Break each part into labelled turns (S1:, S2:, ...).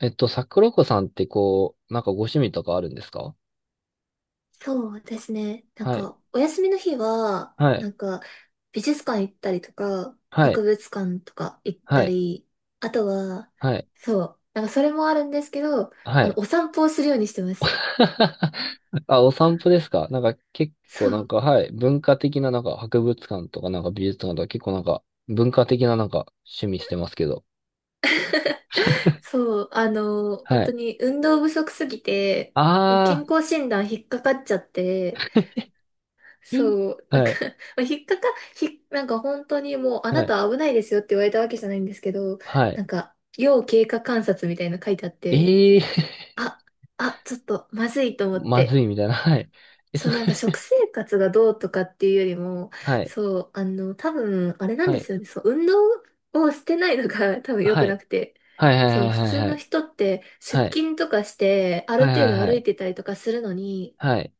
S1: 桜子さんってこう、なんかご趣味とかあるんですか？
S2: そうですね。なん
S1: はい。
S2: か、お休みの日は、
S1: は
S2: な
S1: い。
S2: んか、美術館行ったりとか、
S1: は
S2: 博
S1: い。
S2: 物館とか行っ
S1: は
S2: た
S1: い。
S2: り、あとは、
S1: はい。
S2: そう、なんかそれもあるんですけど、
S1: はい。
S2: お散歩をするようにしてます。
S1: あ、お散歩ですか？なんか結構
S2: そ
S1: なん
S2: う、
S1: か、はい。文化的ななんか博物館とかなんか美術館とか結構なんか文化的ななんか趣味してますけど。
S2: そう、
S1: は
S2: 本当
S1: い。
S2: に運動不足すぎて、
S1: あ
S2: 健康診断引っかかっちゃって、
S1: ー。
S2: そう、なんか
S1: は い。
S2: まあ、引っかか、ひ、なんか本当にもう、あ
S1: は
S2: な
S1: い。
S2: たは危ないですよって言われたわけじゃないんですけど、
S1: はい。
S2: なんか、要経過観察みたいなの書いてあって、
S1: えー。
S2: あ、あ、ちょっとまずいと 思っ
S1: まず
S2: て、
S1: いみたいな。はい。え、
S2: そう なんか食生活がどうとかっていうよりも、
S1: はい。
S2: そう、多分、あれなん
S1: は
S2: で
S1: い。
S2: すよね。そう、運動をしてないのが 多分良
S1: は
S2: くな
S1: い。
S2: くて、
S1: はい。は
S2: そ
S1: い。
S2: う、普
S1: はい。
S2: 通
S1: はい。は
S2: の
S1: い。
S2: 人って出
S1: はい。
S2: 勤とかして、あ
S1: は
S2: る
S1: い。
S2: 程
S1: はい。
S2: 度
S1: は
S2: 歩い
S1: い。
S2: てたりとかするのに、
S1: はい。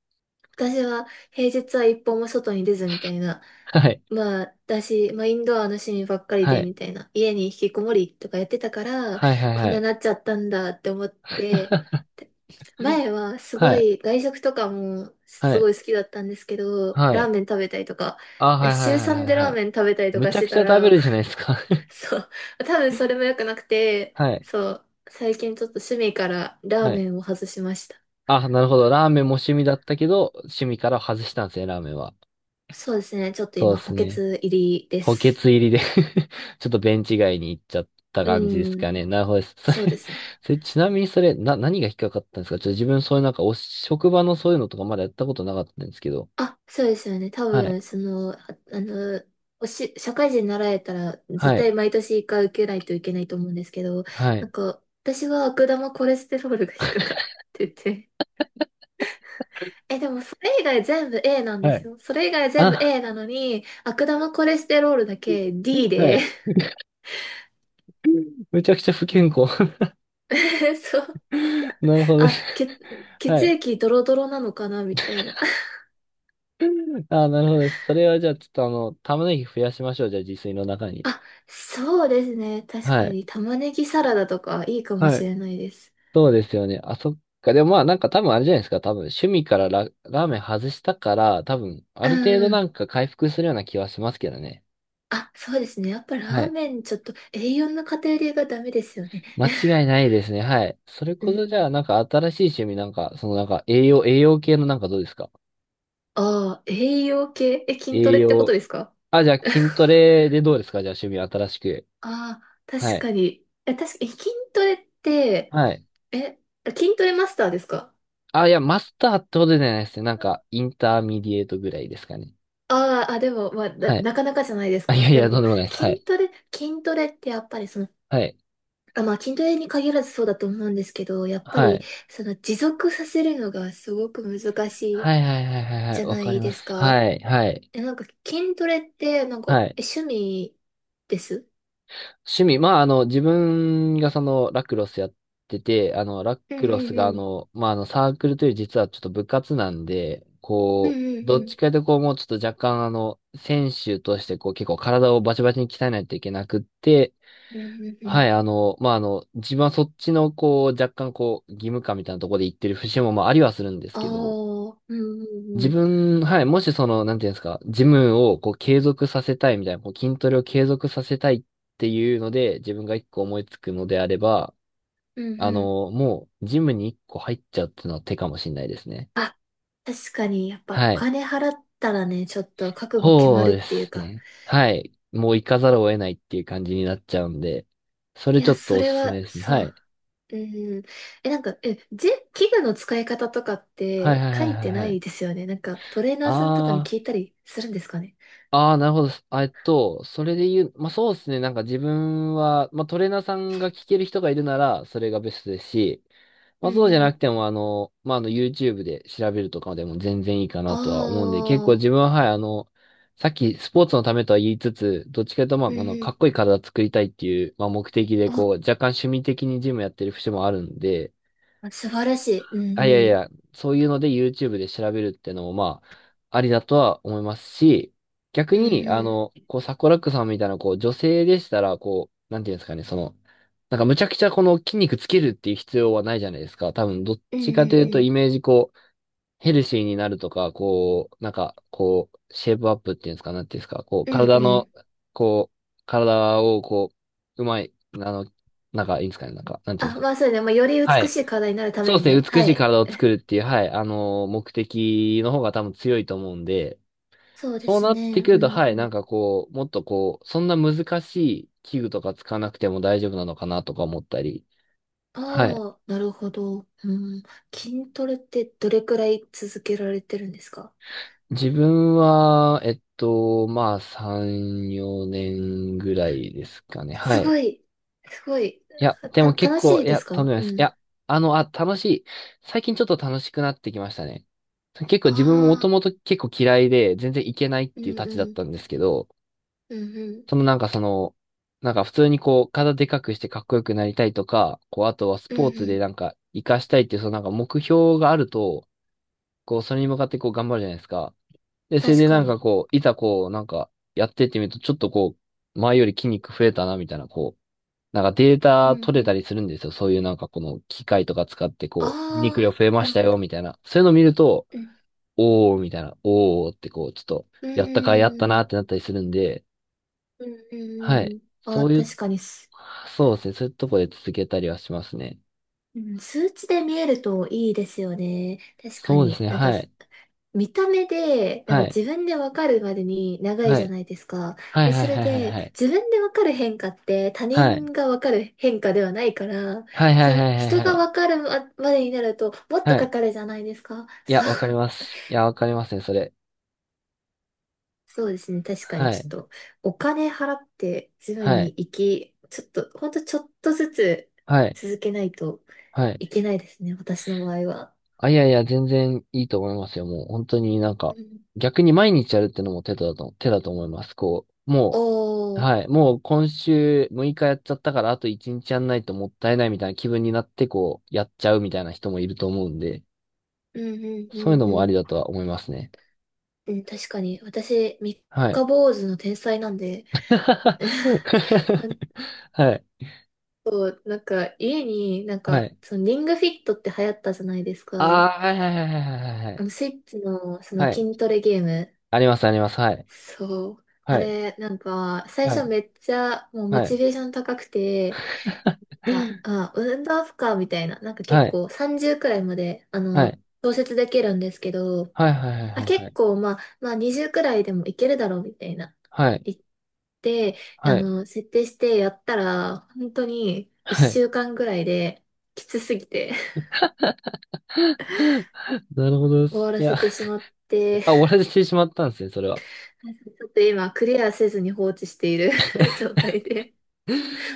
S2: 私は平日は一歩も外に出ずみたいな。
S1: はい。
S2: まあ、だし、まあ、インドアの趣味ばっかり
S1: は
S2: で、
S1: い。
S2: みたいな。家に引きこもりとかやってたから、
S1: はいはい
S2: こん
S1: は
S2: な
S1: い。
S2: なっちゃったんだって思って、で前はす
S1: は
S2: ご
S1: い。
S2: い外食とかも
S1: は
S2: す
S1: い。
S2: ごい好きだったんですけど、
S1: は
S2: ラー
S1: い。
S2: メン食べたりとか、
S1: あ、は
S2: 週
S1: いはいはいはい
S2: 3でラ
S1: は
S2: ー
S1: い。
S2: メン食べたりと
S1: む
S2: か
S1: ち
S2: し
S1: ゃ
S2: て
S1: くち
S2: た
S1: ゃ食べ
S2: ら、
S1: るじゃないですか。
S2: そう、多分それも良くなくて、
S1: はい。
S2: そう、最近ちょっと趣味からラー
S1: はい。
S2: メンを外しました。
S1: あ、なるほど。ラーメンも趣味だったけど、趣味から外したんですね、ラーメンは。
S2: そうですね、ちょっと
S1: そう
S2: 今
S1: です
S2: 補欠
S1: ね。
S2: 入りで
S1: 補欠
S2: す。
S1: 入りで。 ちょっとベンチ外に行っちゃった感じで
S2: う
S1: すか
S2: ん、
S1: ね。なるほどです。それ、
S2: そうです ね。
S1: それちなみにそれ、何が引っかかったんですか？ちょっと自分そういうなんか、職場のそういうのとかまだやったことなかったんですけど。
S2: あ、そうですよね。多
S1: はい。
S2: 分、その、あの、社会人になられたら、絶
S1: はい。
S2: 対毎年一回受けないといけないと思うんですけど、
S1: は
S2: な
S1: い。
S2: んか、私は悪玉コレステロールが引っかかってて、え、でもそれ以外全部 A なんで
S1: は
S2: す
S1: い。
S2: よ。それ以外全部
S1: あ、
S2: A なのに、悪玉コレステロールだけ
S1: は
S2: D で、
S1: い。めちゃくちゃ不健康。
S2: そう、
S1: なるほどで
S2: あ、
S1: す。は
S2: 血
S1: い。
S2: 液ドロドロなのかな、みたいな。
S1: あー、なるほどです。それはじゃあ、ちょっと玉ねぎ増やしましょう。じゃあ、自炊の中に。
S2: あ、そうですね。確
S1: は
S2: か
S1: い。
S2: に玉ねぎサラダとかいいかも
S1: は
S2: し
S1: い。
S2: れないです。
S1: そうですよね。あ、そっか。でもまあ、なんか多分あれじゃないですか。多分、趣味からラーメン外したから、多分、あ
S2: う
S1: る程度な
S2: ん。
S1: んか回復するような気はしますけどね。
S2: あ、そうですね。やっぱラ
S1: は
S2: ー
S1: い。
S2: メンちょっと栄養の偏りがダメですよね。
S1: 間違いな いですね。はい。それ
S2: う
S1: こそじゃ
S2: ん。
S1: あ、なんか新しい趣味なんか、そのなんか栄養系のなんかどうですか？
S2: ああ、栄養系、え、筋ト
S1: 栄
S2: レってこと
S1: 養。
S2: ですか？
S1: あ、じゃあ筋トレ でどうですか？じゃあ趣味新しく。
S2: ああ、
S1: は
S2: 確
S1: い。
S2: かに。え、確かに、え筋トレって、
S1: はい。
S2: え、筋トレマスターですか？
S1: あ、いや、マスターってほどじゃないですね。なんか、インターミディエートぐらいですかね。
S2: あーあ、でも、まあ、な、
S1: はい。
S2: なかなかじゃないです
S1: あ、い
S2: か。
S1: やい
S2: で
S1: や、とん
S2: も、
S1: でもないです。はい。
S2: 筋トレってやっぱりその、
S1: はい。
S2: あ、まあ、筋トレに限らずそうだと思うんですけど、やっぱ
S1: は
S2: り、
S1: い。
S2: その、持続させるのがすごく難しい
S1: はいはいはいはいは
S2: じ
S1: い。
S2: ゃ
S1: わ
S2: な
S1: か
S2: い
S1: りま
S2: で
S1: す。
S2: すか。
S1: はい。はい。
S2: え、なんか筋トレって、なん
S1: は
S2: か、
S1: い。
S2: え、趣味です？
S1: 趣味。まあ、自分がその、ラクロスやってて、ラ
S2: うんう
S1: クロス
S2: ん
S1: が
S2: うん。
S1: まあ、サークルというより実はちょっと部活なんで、
S2: うん
S1: こう、
S2: うん
S1: どっ
S2: うん。
S1: ちかというとこう、もうちょっと若干選手としてこう、結構体をバチバチに鍛えないといけなくって、
S2: うんうんうん。
S1: はい、まあ、自分はそっちの、こう、若干、こう、義務感みたいなところで言ってる節も、まあ、ありはするんです
S2: ああ、
S1: けど、
S2: うんうん
S1: 自
S2: うん。
S1: 分、はい、もしその、なんていうんですか、ジムを、こう、継続させたいみたいな、こう、筋トレを継続させたいっていうので、自分が一個思いつくのであれば、
S2: うんうん。
S1: もう、ジムに一個入っちゃうっていうのは手かもしれないですね。
S2: あ、確かに、やっぱお
S1: はい。
S2: 金払ったらね、ちょっと覚悟決ま
S1: そう
S2: るっ
S1: で
S2: ていう
S1: す
S2: か。
S1: ね。はい。もう行かざるを得ないっていう感じになっちゃうんで、そ
S2: い
S1: れちょ
S2: や、
S1: っと
S2: そ
S1: お
S2: れ
S1: すすめ
S2: は、
S1: ですね。は
S2: そう。
S1: い。
S2: うんうん。え、なんか、え、器具の使い方とかっ
S1: はいは
S2: て
S1: い
S2: 書
S1: はい
S2: い
S1: は
S2: て
S1: い
S2: な
S1: は
S2: い
S1: い。
S2: ですよね。なんか、トレーナーさんとかに
S1: あ
S2: 聞
S1: あ。
S2: いたりするんですかね。
S1: ああ、なるほど。すあえっと、それで言う、まあ、そうですね。なんか自分は、まあ、トレーナーさんが聞ける人がいるなら、それがベストですし、
S2: う
S1: まあ、そう
S2: ん
S1: じ
S2: う
S1: ゃな
S2: ん。
S1: くても、まあ、YouTube で調べるとかでも全然いいか
S2: あ
S1: なとは思うんで、結構
S2: あ、
S1: 自分は、はい、さっきスポーツのためとは言いつつ、どっちかというと、まあ、
S2: う
S1: こ
S2: んう
S1: の、かっ
S2: ん。
S1: こいい体作りたいっていう、まあ、目的で、こ
S2: あ
S1: う、若干趣味的にジムやってる節もあるんで、
S2: あ素晴らしい。うん
S1: あ、いやい
S2: うん。
S1: や、そういうので YouTube で調べるってのも、まあ、ありだとは思いますし、逆
S2: うん
S1: に、
S2: うん。
S1: こう、サコラックさんみたいな、こう、女性でしたら、こう、なんていうんですかね、その、なんかむちゃくちゃこの筋肉つけるっていう必要はないじゃないですか。多分、どっ
S2: う
S1: ちかというと、
S2: ん
S1: イメージ、こう、ヘルシーになるとか、こう、なんか、こう、シェイプアップっていうんですか、なんていうんですか、こう、
S2: うんうん。う
S1: 体
S2: んう
S1: の、
S2: ん。
S1: こう、体を、こう、うまい、なんか、いいんですかね、なんか、なんていうん
S2: あ、
S1: ですか。
S2: まあそうね。まあ、より
S1: は
S2: 美
S1: い。
S2: しい体になるた
S1: そう
S2: め
S1: で
S2: に
S1: す
S2: ね。
S1: ね、美
S2: は
S1: しい
S2: い。
S1: 体を作るっていう、はい、目的の方が多分強いと思うんで、
S2: そうで
S1: そう
S2: す
S1: なって
S2: ね。
S1: く
S2: う
S1: ると、
S2: ん
S1: は
S2: う
S1: い、なん
S2: ん。
S1: かこう、もっとこう、そんな難しい器具とか使わなくても大丈夫なのかなとか思ったり、はい。
S2: ああ、なるほど。うん。筋トレってどれくらい続けられてるんですか？
S1: 自分は、まあ、3、4年ぐらいですかね、は
S2: すご
S1: い。
S2: い。すごい。
S1: いや、で
S2: た、
S1: も結
S2: 楽し
S1: 構、い
S2: いで
S1: や、
S2: す
S1: とんで
S2: か
S1: もないで
S2: う
S1: す。い
S2: ん。
S1: や、あ、楽しい。最近ちょっと楽しくなってきましたね。結構自分ももと
S2: ああ、
S1: もと結構嫌いで、全然いけないっ
S2: う
S1: ていう
S2: ん
S1: たちだ
S2: う
S1: っ
S2: ん。
S1: たんですけど、
S2: うんうん。
S1: そのなんかその、なんか普通にこう、体でかくしてかっこよくなりたいとか、こう、あとはス
S2: うん
S1: ポーツ
S2: う
S1: で
S2: ん。
S1: なんか活かしたいっていう、そのなんか目標があると、こう、それに向かってこう頑張るじゃないですか。で、それ
S2: 確
S1: で
S2: か
S1: なんか
S2: に。
S1: こう、いざこう、なんかやってってみると、ちょっとこう、前より筋肉増えたな、みたいな、こう、なんかデー
S2: う
S1: タ
S2: ん
S1: 取
S2: う
S1: れた
S2: ん。
S1: りするんですよ。そういうなんかこの機械とか使って
S2: あ
S1: こう、筋肉量
S2: あ、
S1: 増えま
S2: な
S1: し
S2: る
S1: た
S2: ほ
S1: よ、
S2: ど。
S1: みたいな。そういうのを見ると、
S2: うん。
S1: おー、みたいな、おーってこう、ちょっと、
S2: う
S1: やった
S2: ー
S1: なってな
S2: ん。
S1: ったりするんで、
S2: うんう
S1: は
S2: ん
S1: い。
S2: うん。
S1: そ
S2: あ、
S1: ういう
S2: 確かに、
S1: そうですね。そういうとこで続けたりはしますね。
S2: うん、数値で見えるといいですよね。確か
S1: そうです
S2: に。
S1: ね。
S2: なんか、
S1: はい。
S2: 見た目で、なん
S1: は
S2: か
S1: い。
S2: 自分でわかるまでに長い
S1: は
S2: じゃ
S1: い。
S2: ないですか。
S1: はい
S2: で、
S1: は
S2: そ
S1: い
S2: れ
S1: はいはい
S2: で、
S1: はい。
S2: 自分でわかる変化って他
S1: はい。
S2: 人がわかる変化ではないから、
S1: はいはい
S2: そ
S1: は
S2: う、
S1: いは
S2: 人
S1: いは
S2: が
S1: い。
S2: わかるままでになると、もっと
S1: は
S2: か
S1: い。
S2: かるじゃないですか。
S1: いや、
S2: そう、
S1: わかります。いや、わかりますね、それ。
S2: そうですね。確かに
S1: は
S2: ち
S1: い。
S2: ょっと、お金払って、ジム
S1: は
S2: に
S1: い。
S2: 行き、ちょっと、ほんとちょっとずつ
S1: はい。
S2: 続けないと、
S1: はい。
S2: いけないですね、私の場合は。
S1: あ、いやいや、全然いいと思いますよ。もう、本当になん
S2: う
S1: か、
S2: ん。
S1: 逆に毎日やるってのも手だと思います。こう、もう、
S2: お
S1: は
S2: ー、
S1: い。もう今週6日やっちゃったから、あと1日やんないともったいないみたいな気分になって、こう、やっちゃうみたいな人もいると思うんで。
S2: うんうんう
S1: そういうの
S2: ん
S1: もあ
S2: う
S1: り
S2: ん。
S1: だとは思いますね。
S2: うん、確かに。私、三
S1: はい。
S2: 日坊主の天才なんで、あ
S1: はい。
S2: と、なんか、家に、なん
S1: は
S2: か、
S1: い。
S2: そのリングフィットって流行ったじゃないです
S1: あ
S2: か。
S1: あ、はいはいはいはいはいはい。
S2: スイッチの、その
S1: はい。
S2: 筋トレゲーム。
S1: あります、あります。はい。
S2: そう。あ
S1: はい。
S2: れ、なんか、最
S1: は
S2: 初
S1: い。
S2: めっちゃ、もうモ
S1: は
S2: チ
S1: い。
S2: ベーション高くて、が、あ、運動負荷みたいな、なんか結
S1: はい。
S2: 構30くらいまで、
S1: はい。
S2: 調節できるんですけど、
S1: はい。は
S2: あ、
S1: い。は
S2: 結
S1: い。
S2: 構、まあ、まあ、20くらいでもいけるだろうみたいな、
S1: はい。
S2: 言って、
S1: はい。はい。
S2: 設定してやったら、本当に
S1: は
S2: 1
S1: い。
S2: 週間くらいで、きつすぎて
S1: なるほどで
S2: 終
S1: す。
S2: わ
S1: い
S2: ら
S1: や、
S2: せてしまって、
S1: あ、終わらせてしまったんですね、それは。
S2: ちょっと今、クリアせずに放置している 状態で、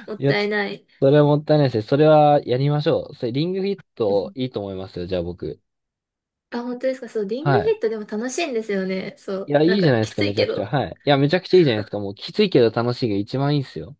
S2: もっ
S1: いや、
S2: たいない。
S1: それはもったいないですね。それはやりましょう。それ、リングフィッ
S2: う
S1: ト
S2: ん。
S1: いいと思いますよ、じゃあ僕。
S2: あ、本当ですか？そう、リン
S1: は
S2: グフ
S1: い。
S2: ィットでも楽しいんですよね。そ
S1: い
S2: う、
S1: や、い
S2: なん
S1: いじゃ
S2: か、
S1: ないで
S2: き
S1: すか、
S2: つ
S1: め
S2: い
S1: ちゃ
S2: け
S1: くちゃ。
S2: ど。
S1: はい。いや、めちゃくちゃいいじゃないですか。もうきついけど楽しいが一番いいんすよ。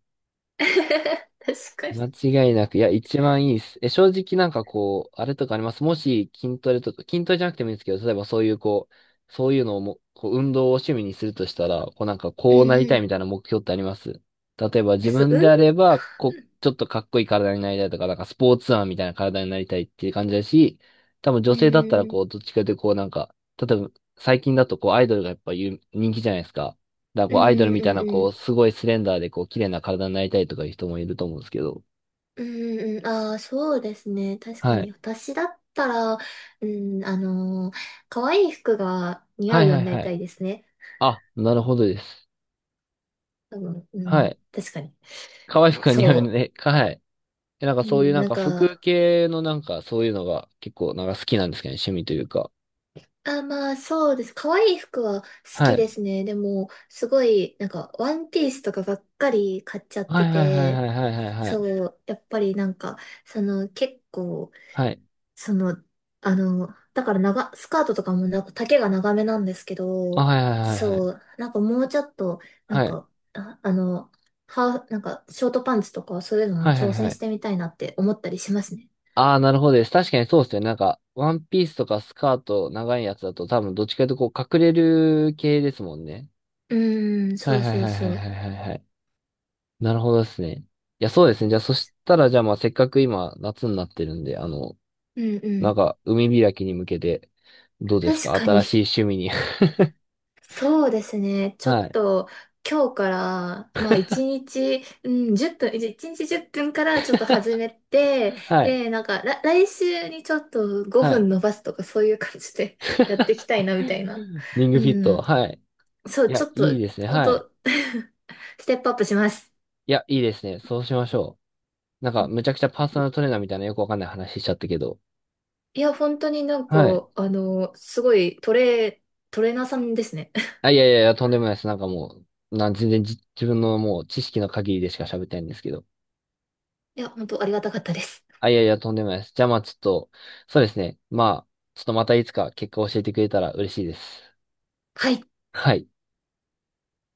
S2: 確かに。
S1: 間違いなく、いや、一番いいです。え、正直なんかこう、あれとかあります？もし筋トレとか、筋トレじゃなくてもいいんですけど、例えばそういうこう、そういうのをも、こう、運動を趣味にするとしたら、こうなんか
S2: うん
S1: こうなり
S2: う
S1: たいみ
S2: ん。
S1: たいな目標ってあります？例えば
S2: え、
S1: 自
S2: そう、
S1: 分で
S2: 運
S1: あれば、こう、ちょっとかっこいい体になりたいとか、なんかスポーツマンみたいな体になりたいっていう感じだし、多分
S2: う
S1: 女性だったら
S2: ん
S1: こう、どっちかというとこうなんか、例えば最近だとこう、アイドルがやっぱ有人気じゃないですか。だから
S2: う
S1: こう、アイドル
S2: んう
S1: み
S2: んう
S1: たい
S2: ん
S1: な
S2: うんう
S1: こ
S2: ん
S1: う、すごいスレンダーでこう、綺麗な体になりたいとかいう人もいると思うんですけど、
S2: うんうん、ああ、そうですね。確か
S1: はい。
S2: に。私だったら、うん、可愛い服が似合
S1: は
S2: う
S1: い
S2: よう
S1: はい
S2: になり
S1: は
S2: た
S1: い。
S2: いですね。
S1: あ、なるほどです。
S2: 多分、う
S1: は
S2: ん、
S1: い。
S2: 確かに。
S1: 可愛くは似合う
S2: そ
S1: ね。はい。え、なんか
S2: う。う
S1: そういう
S2: ん、
S1: なん
S2: なん
S1: か服
S2: か、
S1: 系のなんかそういうのが結構なんか好きなんですけどね、趣味というか。
S2: あ、まあ、そうです。可愛い服は好
S1: は
S2: きで
S1: い。
S2: すね。でも、すごい、なんか、ワンピースとかばっかり買っちゃっ
S1: は
S2: て
S1: いはいはい
S2: て、
S1: はいはいはいは
S2: そ
S1: い。
S2: う、やっぱりなんか、その、結構、
S1: はい。
S2: その、だからスカートとかもなんか丈が長めなんですけ
S1: あ、
S2: ど、
S1: はいはいはいはい。
S2: そう、なんかもうちょっと、なん
S1: はい。
S2: か、あ、ハーフ、なんか、ショートパンツとかそういうのも
S1: はいはい
S2: 挑
S1: は
S2: 戦し
S1: い。
S2: てみたいなって思ったりしますね。
S1: ああ、なるほどです。確かにそうですね。なんか、ワンピースとかスカート長いやつだと多分どっちかというとこう隠れる系ですもんね。
S2: うーん、
S1: は
S2: そ
S1: い
S2: う
S1: はい
S2: そう
S1: はいはい
S2: そう。
S1: はいはいはい。なるほどですね。いや、そうですね。じゃあ、そしたら、じゃあ、まあ、せっかく今、夏になってるんで、
S2: うんう
S1: なん
S2: ん。
S1: か、海開きに向けて、どうです
S2: 確
S1: か？
S2: か
S1: 新
S2: に。
S1: しい趣味に。
S2: そうですね。ちょ
S1: は
S2: っ
S1: い。
S2: と今日から、まあ一日、うん、1分、一日10分からちょっと始めて、
S1: はい。
S2: で、なんか、来週にちょっと
S1: は
S2: 5
S1: い。
S2: 分伸ばすとかそういう感じで やっていきたいなみたいな。
S1: リング
S2: う
S1: フィット。
S2: ん。
S1: はい。
S2: そ
S1: い
S2: う、ちょ
S1: や、
S2: っ
S1: いい
S2: と、
S1: ですね。
S2: ほん
S1: はい。
S2: と ステップアップします。
S1: いや、いいですね。そうしましょう。なんか、むちゃくちゃパーソナルトレーナーみたいなよくわかんない話しちゃったけど。
S2: いや、本当になんか、
S1: はい。
S2: すごいトレーナーさんですね。
S1: あ、いやいやいや、とんでもないです。なんかもう、全然自分のもう知識の限りでしか喋ってないんですけど。
S2: いや、本当ありがたかったです。
S1: あ、いやいや、とんでもないです。じゃあまあちょっと、そうですね。まあ、ちょっとまたいつか結果を教えてくれたら嬉しいです。
S2: はい。
S1: はい。